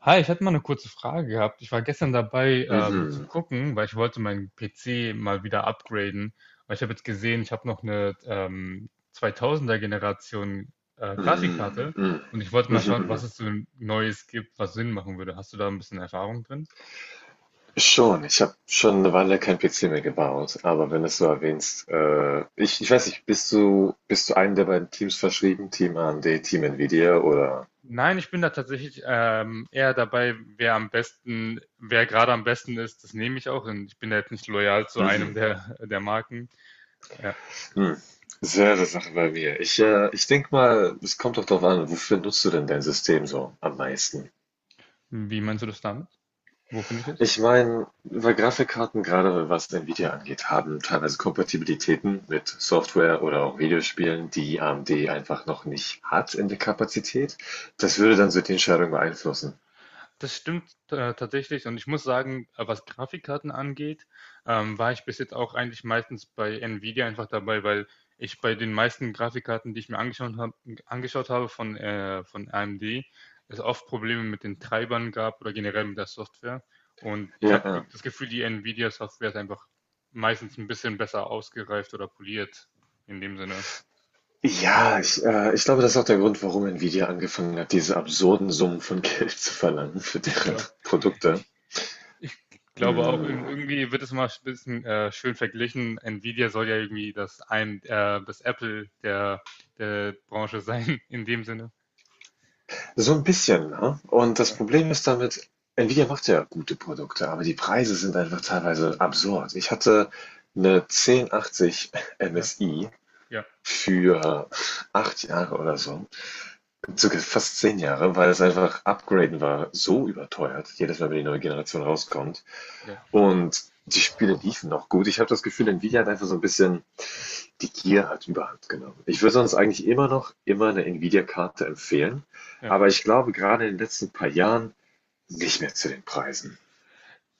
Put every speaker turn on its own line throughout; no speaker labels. Hi, ich hätte mal eine kurze Frage gehabt. Ich war gestern dabei, zu
Mhm.
gucken, weil ich wollte meinen PC mal wieder upgraden. Weil ich habe jetzt gesehen, ich habe noch eine 2000er Generation
Mhm.
Grafikkarte
Mhm.
und ich wollte mal
Mhm.
schauen, was
Mhm.
es so Neues gibt, was Sinn machen würde. Hast du da ein bisschen Erfahrung drin?
Schon, ich habe schon eine Weile kein PC mehr gebaut, aber wenn du es so erwähnst, ich weiß nicht, bist du einem der beiden Teams verschrieben, Team AMD, Team Nvidia oder?
Nein, ich bin da tatsächlich eher dabei, wer am besten, wer gerade am besten ist, das nehme ich auch. Und ich bin da jetzt nicht loyal zu einem
Mhm.
der, der Marken. Ja.
Mhm. Selbe Sache bei mir. Ich denke mal, es kommt doch darauf an, wofür nutzt du denn dein System so am meisten?
Wie meinst du das damit? Wo finde ich es?
Ich meine, weil Grafikkarten, gerade was Nvidia angeht, haben teilweise Kompatibilitäten mit Software oder auch Videospielen, die AMD einfach noch nicht hat in der Kapazität. Das würde dann so die Entscheidung beeinflussen.
Das stimmt, tatsächlich und ich muss sagen, was Grafikkarten angeht, war ich bis jetzt auch eigentlich meistens bei Nvidia einfach dabei, weil ich bei den meisten Grafikkarten, die ich mir angeschaut hab, von AMD, es oft Probleme mit den Treibern gab oder generell mit der Software. Und ich
Ja,
habe
ja.
das Gefühl, die Nvidia-Software ist einfach meistens ein bisschen besser ausgereift oder poliert in dem Sinne.
Ja, ich glaube, das ist auch der Grund, warum Nvidia angefangen hat, diese absurden Summen von Geld zu verlangen für
Ich
deren
glaube,
Produkte.
Ich glaube auch,
Mm.
irgendwie wird es mal ein bisschen schön verglichen. Nvidia soll ja irgendwie das Apple der Branche sein, in dem Sinne.
So ein bisschen, ne? Und das
Ja,
Problem ist damit, Nvidia macht ja gute Produkte, aber die Preise sind einfach teilweise absurd. Ich hatte 'ne 1080
ja,
MSI
ja,
für 8 Jahre oder so, sogar fast 10 Jahre, weil es einfach upgraden war so überteuert, jedes Mal, wenn die neue Generation rauskommt.
ja.
Und die Spiele liefen noch gut. Ich habe das Gefühl, Nvidia hat einfach so ein bisschen die Gier hat Überhand genommen. Ich würde sonst eigentlich immer noch immer eine Nvidia-Karte empfehlen,
Ja,
aber ich glaube, gerade in den letzten paar Jahren nicht mehr zu den Preisen.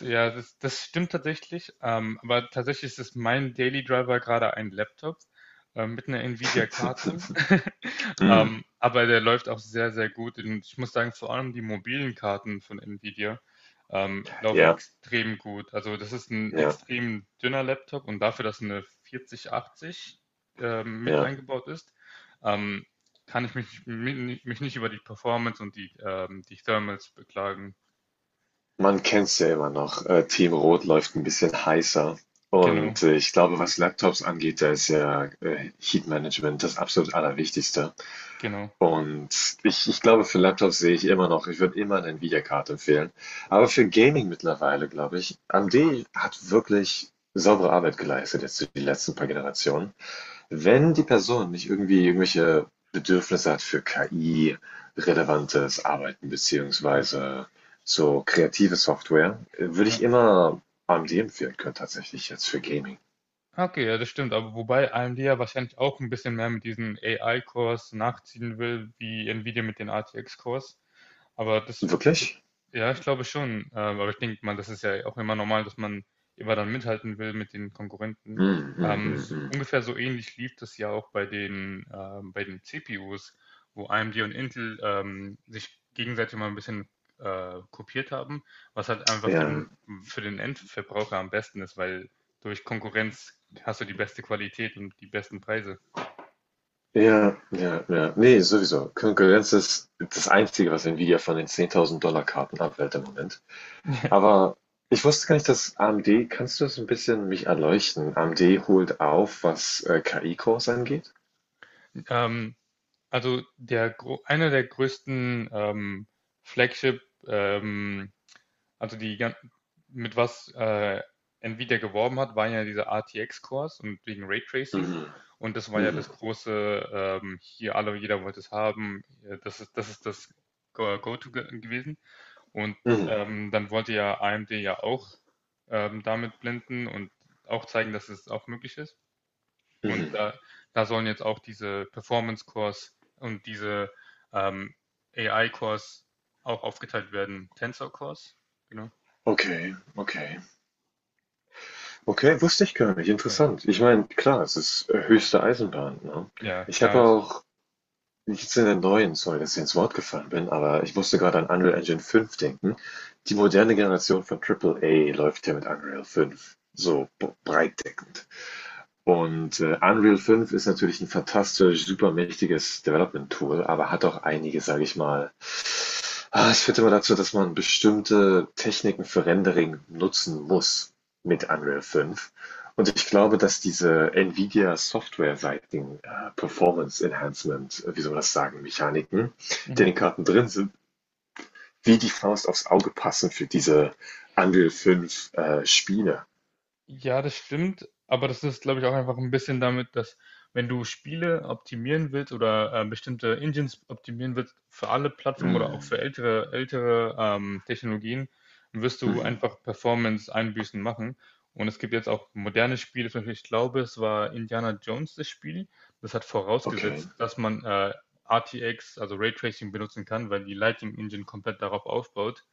das stimmt tatsächlich. Aber tatsächlich ist mein Daily Driver gerade ein Laptop mit einer Nvidia-Karte.
Hm.
Aber der läuft auch sehr, sehr gut. Und ich muss sagen, vor allem die mobilen Karten von Nvidia laufen
Ja,
extrem gut. Also das ist ein
ja,
extrem dünner Laptop und dafür, dass eine 4080 mit
ja.
eingebaut ist, ähm, kann ich mich nicht über die Performance und die Thermals beklagen.
Man kennt's ja immer noch. Team Rot läuft ein bisschen heißer.
Genau,
Und ich glaube, was Laptops angeht, da ist ja Heat Management das absolut Allerwichtigste.
genau.
Und ich glaube, für Laptops sehe ich immer noch, ich würde immer eine Nvidia-Karte empfehlen. Aber für Gaming mittlerweile, glaube ich, AMD hat wirklich saubere Arbeit geleistet jetzt die letzten paar Generationen. Wenn die Person nicht irgendwie irgendwelche Bedürfnisse hat für KI-relevantes Arbeiten
Ja,
beziehungsweise so kreative Software, würde
ja.
ich immer AMD empfehlen können, tatsächlich jetzt für Gaming.
Okay, ja, das stimmt. Aber wobei AMD ja wahrscheinlich auch ein bisschen mehr mit diesen ai kurs nachziehen will, wie Nvidia mit den RTX-Cores. Aber das, d-
Wirklich?
ja, ich glaube schon. Aber ich denke mal, das ist ja auch immer normal, dass man immer dann mithalten will mit den Konkurrenten.
Hm, hm, hm, hm.
Ungefähr so ähnlich lief das ja auch bei bei den CPUs, wo AMD und Intel sich gegenseitig mal ein bisschen kopiert haben, was halt einfach
Ja,
für den Endverbraucher am besten ist, weil durch Konkurrenz hast du die beste Qualität und die besten Preise.
ja, ja, ja. Nee, sowieso. Konkurrenz ist das Einzige, was Nvidia von den 10.000 Dollar Karten abwählt im Moment. Aber ich wusste gar nicht, dass AMD, kannst du das ein bisschen mich erleuchten? AMD holt auf, was KI-Cores angeht?
ähm, also der, Einer der größten Flagship, ähm, also die mit was Nvidia geworben hat, waren ja diese RTX-Cores und wegen Raytracing.
Mhm.
Und das war ja
Mhm.
das große, hier alle, jeder wollte es haben. Ja, das ist, das ist das Go- to gewesen. Und
Mhm.
dann wollte ja AMD ja auch damit blenden und auch zeigen, dass es auch möglich ist. Und
Mhm.
da sollen jetzt auch diese Performance-Cores und diese ähm, AI-Cores auch aufgeteilt werden. Tensor-Cores, genau.
Okay, okay. Okay, wusste ich gar nicht. Interessant. Ich meine, klar, es ist höchste Eisenbahn, ne?
Ja,
Ich habe
klar. Ist.
auch nichts in der neuen, sorry, dass ich ins Wort gefallen bin, aber ich musste
Ja.
gerade an Unreal Engine 5 denken. Die moderne Generation von Triple A läuft ja mit Unreal 5 so breitdeckend. Und Unreal 5 ist natürlich ein fantastisch, super mächtiges Development-Tool, aber hat auch einige, sage ich mal, es führt immer dazu, dass man bestimmte Techniken für Rendering nutzen muss mit Unreal 5. Und ich glaube, dass diese Nvidia softwareseitigen Performance Enhancement, wie soll man das sagen, Mechaniken, die in
Mhm.
den Karten drin sind, wie die Faust aufs Auge passen für diese Unreal 5 Spiele.
Ja, das stimmt, aber das ist, glaube ich, auch einfach ein bisschen damit, dass wenn du Spiele optimieren willst oder bestimmte Engines optimieren willst für alle Plattformen oder auch für
Mm.
ältere Technologien, wirst du
Mhm.
einfach Performance-Einbußen machen. Und es gibt jetzt auch moderne Spiele, zum Beispiel, ich glaube, es war Indiana Jones das Spiel. Das hat
Okay.
vorausgesetzt, dass man RTX, also Raytracing, benutzen kann, weil die Lighting Engine komplett darauf aufbaut.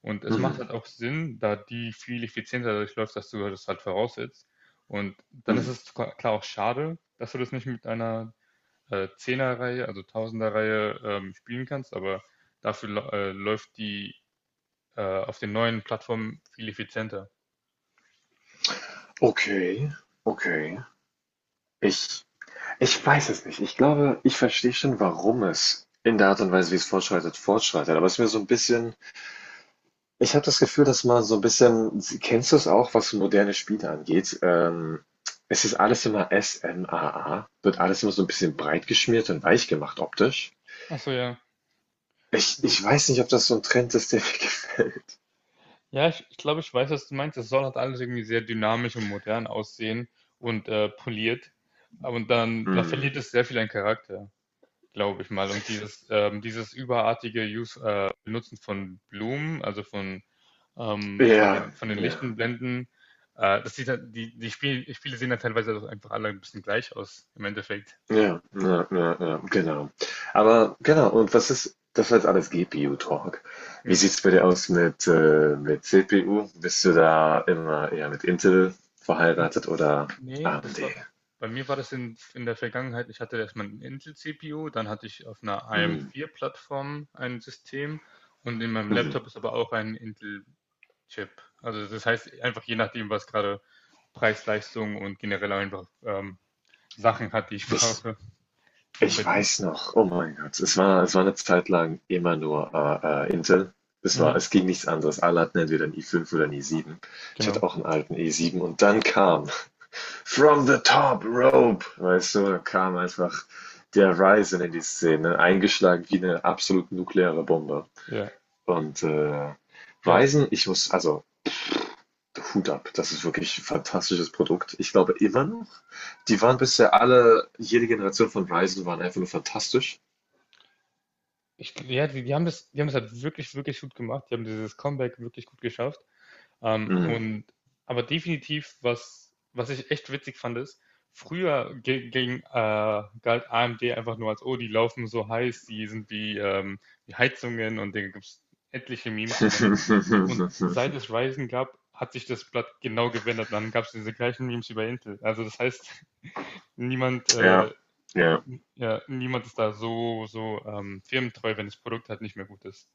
Und es macht
Mhm.
halt auch Sinn, da die viel effizienter durchläuft, dass du das halt voraussetzt. Und dann ist
Mhm.
es klar auch schade, dass du das nicht mit einer Zehner-Reihe, also Tausender-Reihe, spielen kannst, aber dafür läuft die auf den neuen Plattformen viel effizienter.
Okay. Okay. Ich Ich weiß es nicht. Ich glaube, ich verstehe schon, warum es in der Art und Weise, wie es fortschreitet, fortschreitet. Aber es ist mir so ein bisschen, ich habe das Gefühl, dass man so ein bisschen, kennst du es auch, was moderne Spiele angeht? Es ist alles immer SMAA, wird alles immer so ein bisschen breit geschmiert und weich gemacht optisch.
Ach so, ja.
Ich,
So.
ich weiß nicht, ob das so ein Trend ist, der mir gefällt.
Ja, ich glaube, ich weiß, was du meinst. Es soll halt alles irgendwie sehr dynamisch und modern aussehen und poliert. Aber da
Mm.
verliert es sehr viel an Charakter, glaube ich mal. Und dieses überartige Benutzen von Blumen, also von, ähm, von
Ja,
den, von den
ja.
lichten Blenden, das sieht halt, die, die Spiele sehen dann teilweise auch einfach alle ein bisschen gleich aus, im Endeffekt.
Ja, ja, ja, ja, genau. Aber genau, und was ist, das war jetzt alles GPU-Talk. Wie
Ja.
sieht's bei dir aus mit CPU? Bist du da immer eher mit Intel
N-
verheiratet oder
Nee, das
AMD?
war, bei mir war das in, in der Vergangenheit, ich hatte erstmal einen Intel-CPU, dann hatte ich auf einer
Hm,
AM4-Plattform ein System und in meinem
hm. Mhm.
Laptop ist aber auch ein Intel Chip. Also das heißt einfach je nachdem, was gerade Preis, Leistung und generell einfach Sachen hat, die ich
Ich,
brauche. Und bei
ich
dir?
weiß noch, oh mein Gott, es war eine Zeit lang immer nur Intel. Es war,
Mhm,
es ging nichts anderes. Alle hatten entweder einen i5 oder einen i7. Ich
genau.
hatte auch einen alten i7 und dann kam From the top rope, weißt du, da kam einfach der Ryzen in die Szene, eingeschlagen wie eine absolut nukleare Bombe.
Ja.
Und
Ja,
Ryzen, ich muss, also Hut ab, das ist wirklich ein fantastisches Produkt. Ich glaube immer noch, die waren bisher alle, jede Generation von Ryzen waren einfach nur fantastisch.
ja, die haben das halt wirklich, wirklich gut gemacht. Die haben dieses Comeback wirklich gut geschafft. Ähm,
Hm.
und aber definitiv, was ich echt witzig fand, ist, ging, galt AMD einfach nur als, oh, die laufen so heiß, die sind wie Heizungen und da gibt es etliche Memes von. Und seit es Ryzen gab, hat sich das Blatt genau gewendet. Dann gab es diese gleichen Memes über Intel. Also das heißt, niemand, äh,
Ja, ja.
ja, niemand ist da so firmentreu, wenn das Produkt halt nicht mehr gut ist.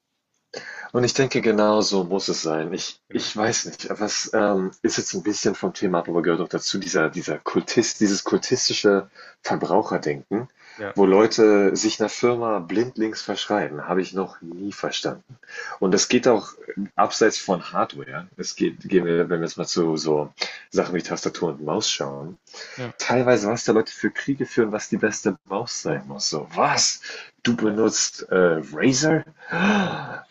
Und ich denke, genau so muss es sein. Ich,
Genau.
ich weiß nicht, was ist jetzt ein bisschen vom Thema ab, aber gehört auch dazu, dieser Kultist, dieses kultistische Verbraucherdenken,
Ja,
wo Leute sich einer Firma blindlings verschreiben, habe ich noch nie verstanden. Und das geht auch abseits von Hardware. Es geht, gehen wir, wenn wir jetzt mal zu so Sachen wie Tastatur und Maus schauen,
ja,
teilweise, was da Leute für Kriege führen, was die beste Maus sein muss. So, was? Du
ja,
benutzt Razer?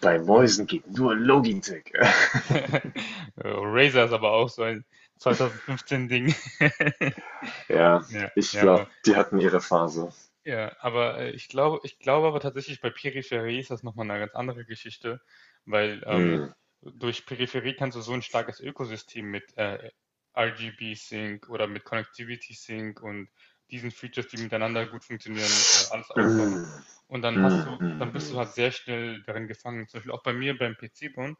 Bei
ja.
Mäusen geht nur Logitech.
Razer ist aber auch so ein 2015-Ding.
Ja,
Ja,
ich
ja,
glaube,
aber,
die hatten ihre Phase.
ja, aber ich glaube aber tatsächlich bei Peripherie ist das nochmal eine ganz andere Geschichte, weil
Hm.
durch Peripherie kannst du so ein starkes Ökosystem mit RGB Sync oder mit Connectivity Sync und diesen Features, die miteinander gut funktionieren, alles
Hm,
aufbauen.
hm,
Und
hm, hm.
dann bist du
Hm.
halt sehr schnell darin gefangen. Zum Beispiel auch bei mir beim PC-Bauen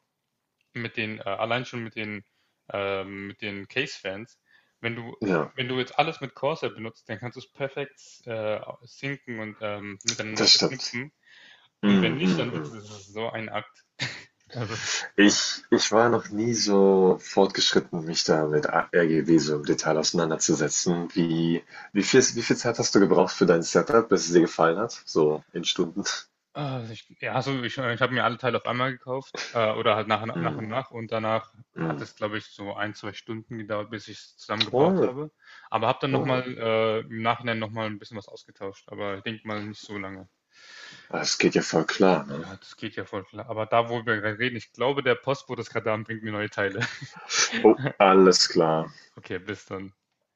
allein schon mit den Case-Fans, wenn du,
Ja,
wenn du jetzt alles mit Corsair benutzt, dann kannst du es perfekt sinken und miteinander
das stimmt.
verknüpfen. Und wenn
Hm,
nicht,
hm,
dann wird es
hm.
es ist so ein Akt. Also,
Ich war noch nie so fortgeschritten, mich da mit RGB so im Detail auseinanderzusetzen. Wie viel Zeit hast du gebraucht für dein Setup, bis es dir gefallen hat? So in Stunden.
äh, ich, ja, ich habe mir alle Teile auf einmal gekauft oder halt nach und
Mhm.
nach und danach hat
Mhm.
es, glaube ich, so ein, zwei Stunden gedauert, bis ich es zusammengebaut
Oh,
habe. Aber habe dann nochmal
oh.
im Nachhinein nochmal ein bisschen was ausgetauscht. Aber ich denke mal nicht so lange.
Das geht ja voll klar, ne?
Ja, das geht ja voll klar. Aber da, wo wir gerade reden, ich glaube, der Postbote ist gerade da und bringt mir neue Teile.
Oh, alles klar.
Okay, bis dann.